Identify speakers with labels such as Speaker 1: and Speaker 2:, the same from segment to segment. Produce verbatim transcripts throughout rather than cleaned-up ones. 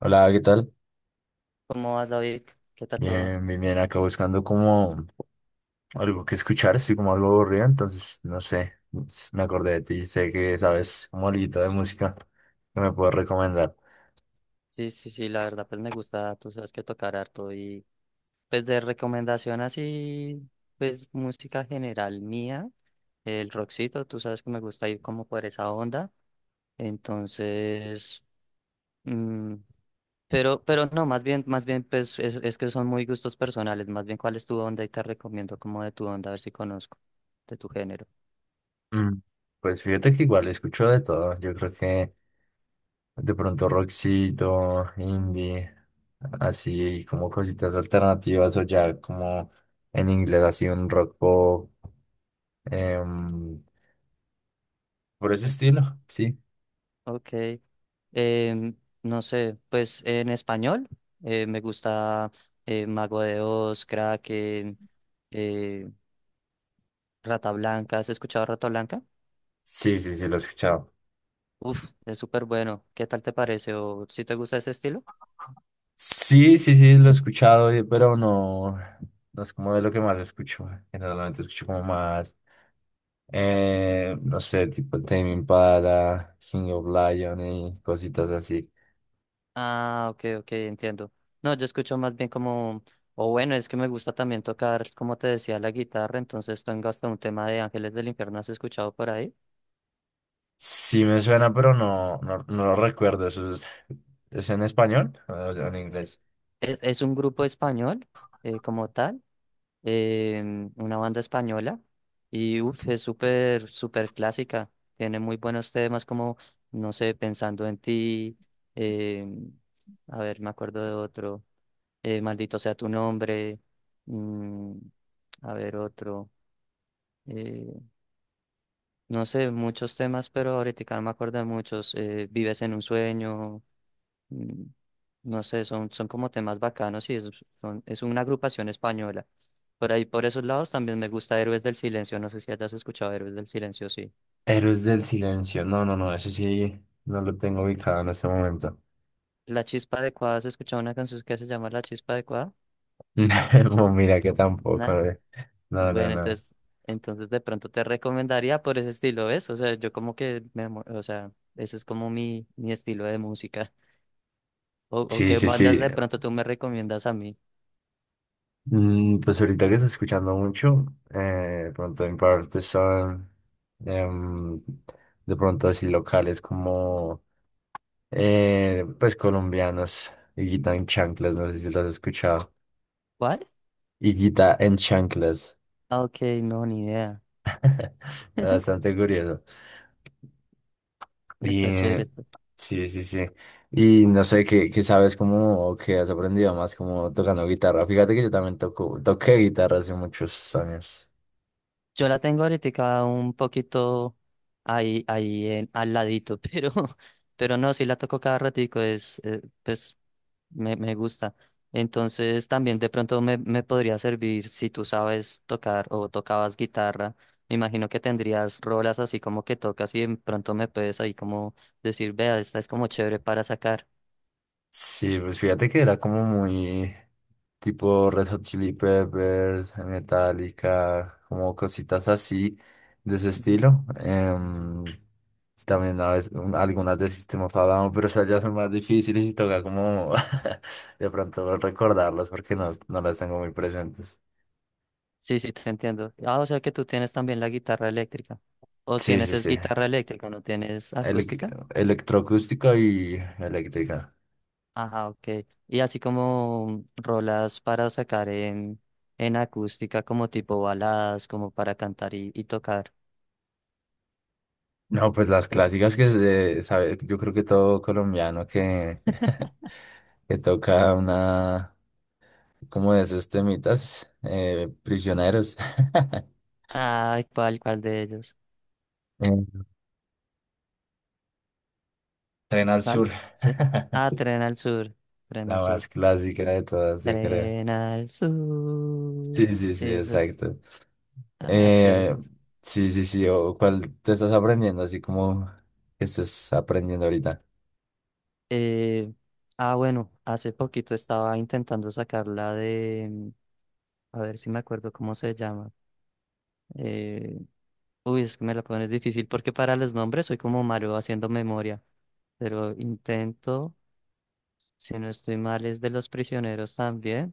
Speaker 1: Hola, ¿qué tal?
Speaker 2: ¿Cómo vas, David? ¿Qué tal todo?
Speaker 1: Bien, bien, bien. Acá buscando como algo que escuchar, estoy como algo aburrido, entonces no sé, s- me acordé de ti, sé que sabes como algo de música que me puedes recomendar.
Speaker 2: Sí, sí, sí, la verdad, pues me gusta, tú sabes que tocar harto y pues de recomendación así, pues música general mía, el rockcito, tú sabes que me gusta ir como por esa onda, entonces, mm, pero, pero no, más bien, más bien, pues es, es que son muy gustos personales, más bien cuál es tu onda y te recomiendo como de tu onda, a ver si conozco, de tu género.
Speaker 1: Mm, pues fíjate que igual escucho de todo, yo creo que de pronto rockcito, indie, así como cositas alternativas o ya como en inglés así un rock pop, em, por ese
Speaker 2: Ok,
Speaker 1: estilo, sí.
Speaker 2: ok. Em, no sé, pues en español eh, me gusta eh, Mago de Oz, Kraken, eh, Rata Blanca. ¿Has escuchado Rata Blanca?
Speaker 1: Sí, sí, sí, lo he escuchado.
Speaker 2: Uf, es súper bueno. ¿Qué tal te parece? ¿O si te gusta ese estilo?
Speaker 1: Sí, sí, sí, lo he escuchado, eh, pero no, no es como de lo que más escucho. Generalmente escucho como más, eh, no sé, tipo Tame Impala, King of Lion y cositas así.
Speaker 2: Ah, ok, ok, entiendo. No, yo escucho más bien como, o bueno, es que me gusta también tocar, como te decía, la guitarra. Entonces tengo hasta un tema de Ángeles del Infierno. ¿Has escuchado por ahí?
Speaker 1: Sí me suena, pero no, no, no lo recuerdo. ¿Eso es, es en español o es en inglés?
Speaker 2: Es, es un grupo español eh, como tal, em, una banda española y uf, es súper, súper clásica. Tiene muy buenos temas como, no sé, Pensando en ti, em, a ver, me acuerdo de otro, eh, Maldito sea tu nombre, mm, a ver otro, eh, no sé, muchos temas, pero ahorita no me acuerdo de muchos, eh, Vives en un sueño. Mm. No sé, son, son como temas bacanos y es, son- es una agrupación española. Por ahí, por esos lados, también me gusta Héroes del Silencio. No sé si hayas escuchado Héroes del Silencio, sí.
Speaker 1: Héroes del Silencio. No, no, no, eso sí no lo tengo ubicado en este momento.
Speaker 2: La Chispa Adecuada, ¿has escuchado una canción que se llama La Chispa Adecuada?
Speaker 1: No, mira que tampoco.
Speaker 2: Nada.
Speaker 1: eh. No, no,
Speaker 2: Bueno,
Speaker 1: no.
Speaker 2: entonces, entonces de pronto te recomendaría por ese estilo, ¿ves? O sea, yo como que, me, mo- o sea, ese es como mi, mi estilo de música. O, o
Speaker 1: Sí,
Speaker 2: qué
Speaker 1: sí,
Speaker 2: bandas
Speaker 1: sí.
Speaker 2: de pronto tú me recomiendas a mí.
Speaker 1: Mm, pues ahorita que estoy escuchando mucho, eh, de pronto en parte son em, de pronto así locales como eh, pues colombianos, Higuita en Chanclas, no sé si los has escuchado,
Speaker 2: ¿Cuál?
Speaker 1: Higuita en Chanclas,
Speaker 2: Ah, ok, no, ni idea.
Speaker 1: bastante curioso. Y
Speaker 2: Está
Speaker 1: eh,
Speaker 2: chévere.
Speaker 1: sí, sí, sí. Y no sé qué, qué sabes cómo o qué has aprendido más como tocando guitarra. Fíjate que yo también toco, toqué guitarra hace muchos años.
Speaker 2: Yo la tengo ahorita un poquito ahí, ahí en, al ladito, pero, pero no, sí la toco cada ratico, es, eh, pues me, me gusta. Entonces también de pronto me, me podría servir si tú sabes tocar o tocabas guitarra. Me imagino que tendrías rolas así como que tocas y de pronto me puedes ahí como decir, vea, esta es como chévere para sacar.
Speaker 1: Sí, pues fíjate que era como muy tipo Red Hot Chili Peppers, Metallica, como cositas así de ese
Speaker 2: Ujú.
Speaker 1: estilo. Em, también a veces, un- algunas de System of a Down, pero esas ya son más difíciles y toca como de pronto recordarlas porque no, no las tengo muy presentes.
Speaker 2: Sí, sí, te entiendo. Ah, o sea que tú tienes también la guitarra eléctrica. O
Speaker 1: Sí,
Speaker 2: tienes
Speaker 1: sí,
Speaker 2: es
Speaker 1: sí.
Speaker 2: guitarra eléctrica, no tienes
Speaker 1: Elec-
Speaker 2: acústica.
Speaker 1: electroacústica y eléctrica.
Speaker 2: Ajá, ok. Y así como rolas para sacar en, en acústica, como tipo baladas, como para cantar y, y tocar.
Speaker 1: No, pues las
Speaker 2: Eso.
Speaker 1: clásicas que se sabe, yo creo que todo colombiano que, que toca una, como es este mitas? Eh, prisioneros.
Speaker 2: Ay, ¿cuál, cuál de ellos?
Speaker 1: Eh, Tren al
Speaker 2: ¿Cuál?
Speaker 1: sur.
Speaker 2: Sí. Ah, Tren al Sur. Tren
Speaker 1: La
Speaker 2: al Sur.
Speaker 1: más clásica de todas, yo creo.
Speaker 2: Tren al
Speaker 1: Sí,
Speaker 2: Sur.
Speaker 1: sí,
Speaker 2: Sí,
Speaker 1: sí,
Speaker 2: eso.
Speaker 1: exacto.
Speaker 2: Ah, chévere,
Speaker 1: Eh,
Speaker 2: esas.
Speaker 1: sí, sí, sí. O, ¿cuál te estás aprendiendo? Así como que estés aprendiendo ahorita.
Speaker 2: Eh, ah, bueno, hace poquito estaba intentando sacar la de. A ver si me acuerdo cómo se llama. Eh, uy, es que me la pones difícil porque para los nombres soy como malo haciendo memoria, pero intento, si no estoy mal, es de los prisioneros también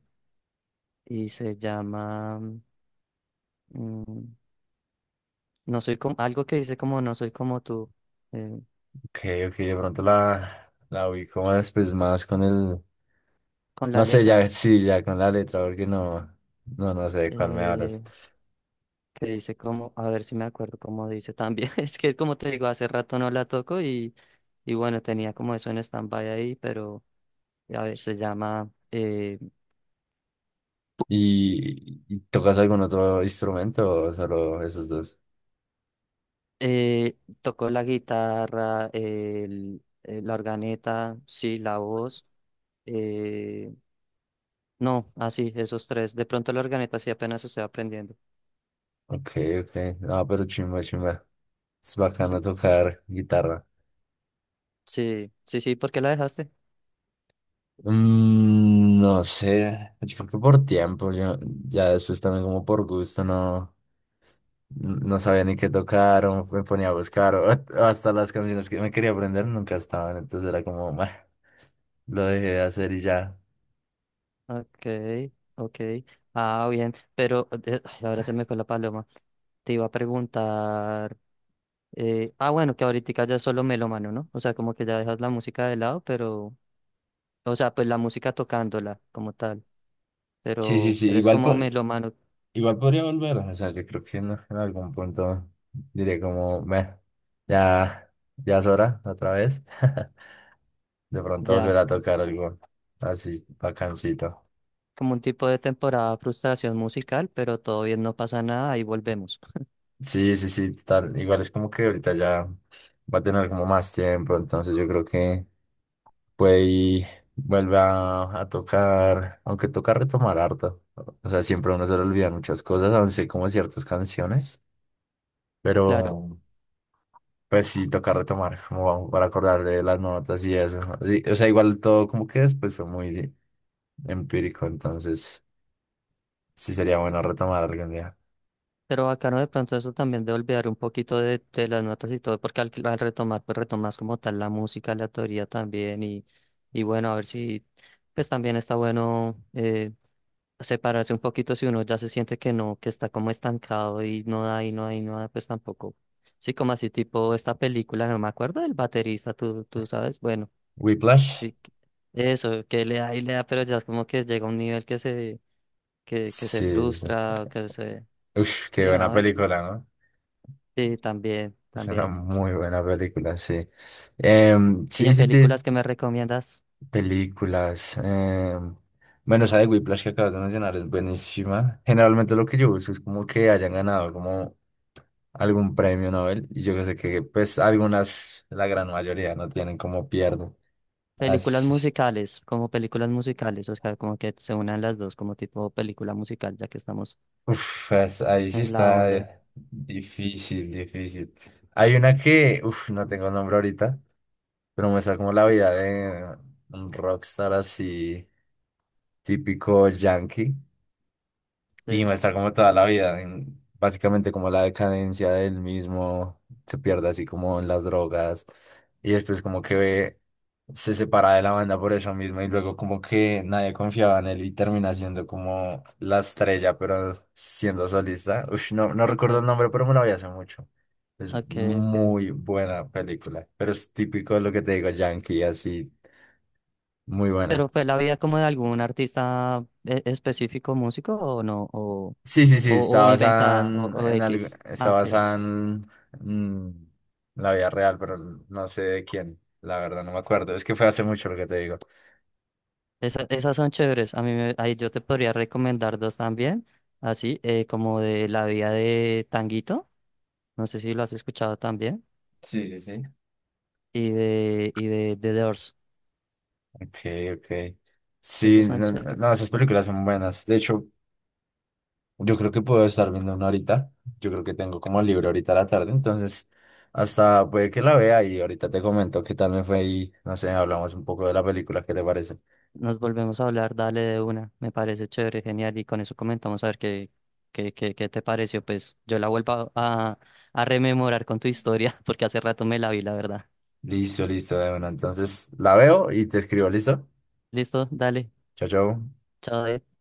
Speaker 2: y se llama, mm, no soy como, algo que dice como no soy como tú, eh,
Speaker 1: Ok, ok, de pronto la, la ubico más, después más con el.
Speaker 2: con la
Speaker 1: No sé, ya,
Speaker 2: letra,
Speaker 1: sí, ya con la letra, porque no, no, no sé de cuál me
Speaker 2: eh,
Speaker 1: hablas.
Speaker 2: que dice como, a ver si me acuerdo cómo dice también, es que como te digo, hace rato no la toco y, y bueno, tenía como eso en stand-by ahí, pero a ver, se llama... eh,
Speaker 1: ¿Y, y tocas algún otro instrumento o solo esos dos?
Speaker 2: Eh, tocó la guitarra, el, eh, la organeta, sí, la voz. eh, no, así, esos tres. De pronto la organeta sí apenas estoy aprendiendo.
Speaker 1: Ok, ok. No, pero chimba, chimba. Es
Speaker 2: Sí,
Speaker 1: bacano tocar guitarra.
Speaker 2: sí, sí, sí, ¿por qué la dejaste?
Speaker 1: Mm, no sé, yo creo que por tiempo, yo ya después también como por gusto, no, no sabía ni qué tocar o me ponía a buscar o o hasta las canciones que me quería aprender nunca estaban, entonces era como, "Bah", lo dejé de hacer y ya.
Speaker 2: Ok, ok. Ah, bien, pero eh, ay, ahora se me fue la paloma. Te iba a preguntar. eh, ah, bueno, que ahorita ya es solo melómano, ¿no? O sea, como que ya dejas la música de lado, pero. O sea, pues la música tocándola como tal.
Speaker 1: Sí, sí,
Speaker 2: Pero
Speaker 1: sí,
Speaker 2: eres
Speaker 1: igual
Speaker 2: como
Speaker 1: po-
Speaker 2: melómano.
Speaker 1: igual podría volver, o sea, que creo que en, en algún punto diría como, "Meh, ya, ya es hora, otra vez." De pronto volver
Speaker 2: Ya,
Speaker 1: a tocar algo así bacancito.
Speaker 2: como un tipo de temporada frustración musical, pero todo bien, no pasa nada, ahí volvemos.
Speaker 1: Sí, sí, sí, total. Igual es como que ahorita ya va a tener como más tiempo, entonces yo creo que puede y vuelve a, a tocar, aunque toca retomar harto. O sea, siempre a uno se le olvidan muchas cosas, aún sé como ciertas canciones,
Speaker 2: Claro,
Speaker 1: pero. Pues sí, tocar retomar, como vamos, para acordar de las notas y eso. Sí, o sea, igual todo como que después fue muy empírico, entonces sí sería bueno retomar algún día.
Speaker 2: pero bacano de pronto eso también de olvidar un poquito de, de las notas y todo, porque al, al retomar, pues retomas como tal la música, la teoría también, y, y bueno, a ver si, pues también está bueno eh, separarse un poquito si uno ya se siente que no, que está como estancado y no da, y no da, y no da, pues tampoco. Sí, como así tipo esta película, no me acuerdo del baterista, tú, tú sabes, bueno.
Speaker 1: Whiplash.
Speaker 2: Sí, que- eso, que le da y le da, pero ya es como que llega a un nivel que se, que, que se
Speaker 1: Sí, sí, sí.
Speaker 2: frustra, que se...
Speaker 1: Uf, qué
Speaker 2: Sí,
Speaker 1: buena
Speaker 2: no, es...
Speaker 1: película, ¿no?
Speaker 2: Sí, también,
Speaker 1: Es una
Speaker 2: también.
Speaker 1: muy buena película, sí. Em,
Speaker 2: ¿Y
Speaker 1: sí,
Speaker 2: en
Speaker 1: sí, te-
Speaker 2: películas que me recomiendas?
Speaker 1: películas. Em, bueno, esa de Whiplash que acabas de mencionar es buenísima. Generalmente lo que yo busco es como que hayan ganado algún premio Nobel y yo sé que pues algunas, la gran mayoría no tienen como pierdo.
Speaker 2: Películas
Speaker 1: Así,
Speaker 2: musicales, como películas musicales, o sea, como que se unan las dos, como tipo película musical, ya que estamos
Speaker 1: uf, es- ahí sí
Speaker 2: en la
Speaker 1: está
Speaker 2: onda.
Speaker 1: eh, difícil, difícil. Hay una que, uf, no tengo el nombre ahorita, pero muestra como la vida de un rockstar así típico yankee. Y va a
Speaker 2: Sí,
Speaker 1: estar como toda la vida, en- básicamente como la decadencia del mismo, se pierde así como en las drogas y después como que ve, se separa de la banda por eso mismo y luego como que nadie confiaba en él y termina siendo como la estrella, pero siendo solista. Ush, no, no recuerdo el
Speaker 2: ok,
Speaker 1: nombre, pero me lo vi hace mucho. Es
Speaker 2: ok, ok.
Speaker 1: muy buena película, pero es típico de lo que te digo, Yankee, así, muy buena.
Speaker 2: ¿Pero fue la vida como de algún artista e- específico músico o no? ¿O,
Speaker 1: Sí, sí, sí,
Speaker 2: o,
Speaker 1: está
Speaker 2: o
Speaker 1: basada
Speaker 2: inventada o,
Speaker 1: en,
Speaker 2: o
Speaker 1: en algo,
Speaker 2: X?
Speaker 1: está
Speaker 2: Ah, ok.
Speaker 1: basada en mm, la vida real, pero no sé de quién, la verdad, no me acuerdo. Es que fue hace mucho lo que te digo.
Speaker 2: Esa- esas son chéveres. A mí me- ahí yo te podría recomendar dos también. Así, eh, como de La vida de Tanguito. No sé si lo has escuchado también.
Speaker 1: Sí, sí, sí.
Speaker 2: Y de, y de The Doors.
Speaker 1: Ok, ok. Sí,
Speaker 2: Esos son
Speaker 1: no,
Speaker 2: chéveres.
Speaker 1: no, esas películas son buenas. De hecho, yo creo que puedo estar viendo una ahorita. Yo creo que tengo como libre ahorita a la tarde, entonces hasta puede que la vea y ahorita te comento qué tal me fue y no sé, hablamos un poco de la película, ¿qué te parece?
Speaker 2: Nos volvemos a hablar, dale de una. Me parece chévere, genial. Y con eso comentamos a ver qué, qué, qué, qué te pareció. Pues yo la vuelvo a, a rememorar con tu historia, porque hace rato me la vi, la verdad.
Speaker 1: Listo, listo, de una. Entonces la veo y te escribo, ¿listo?
Speaker 2: Listo, dale.
Speaker 1: Chao, chao.
Speaker 2: Chao.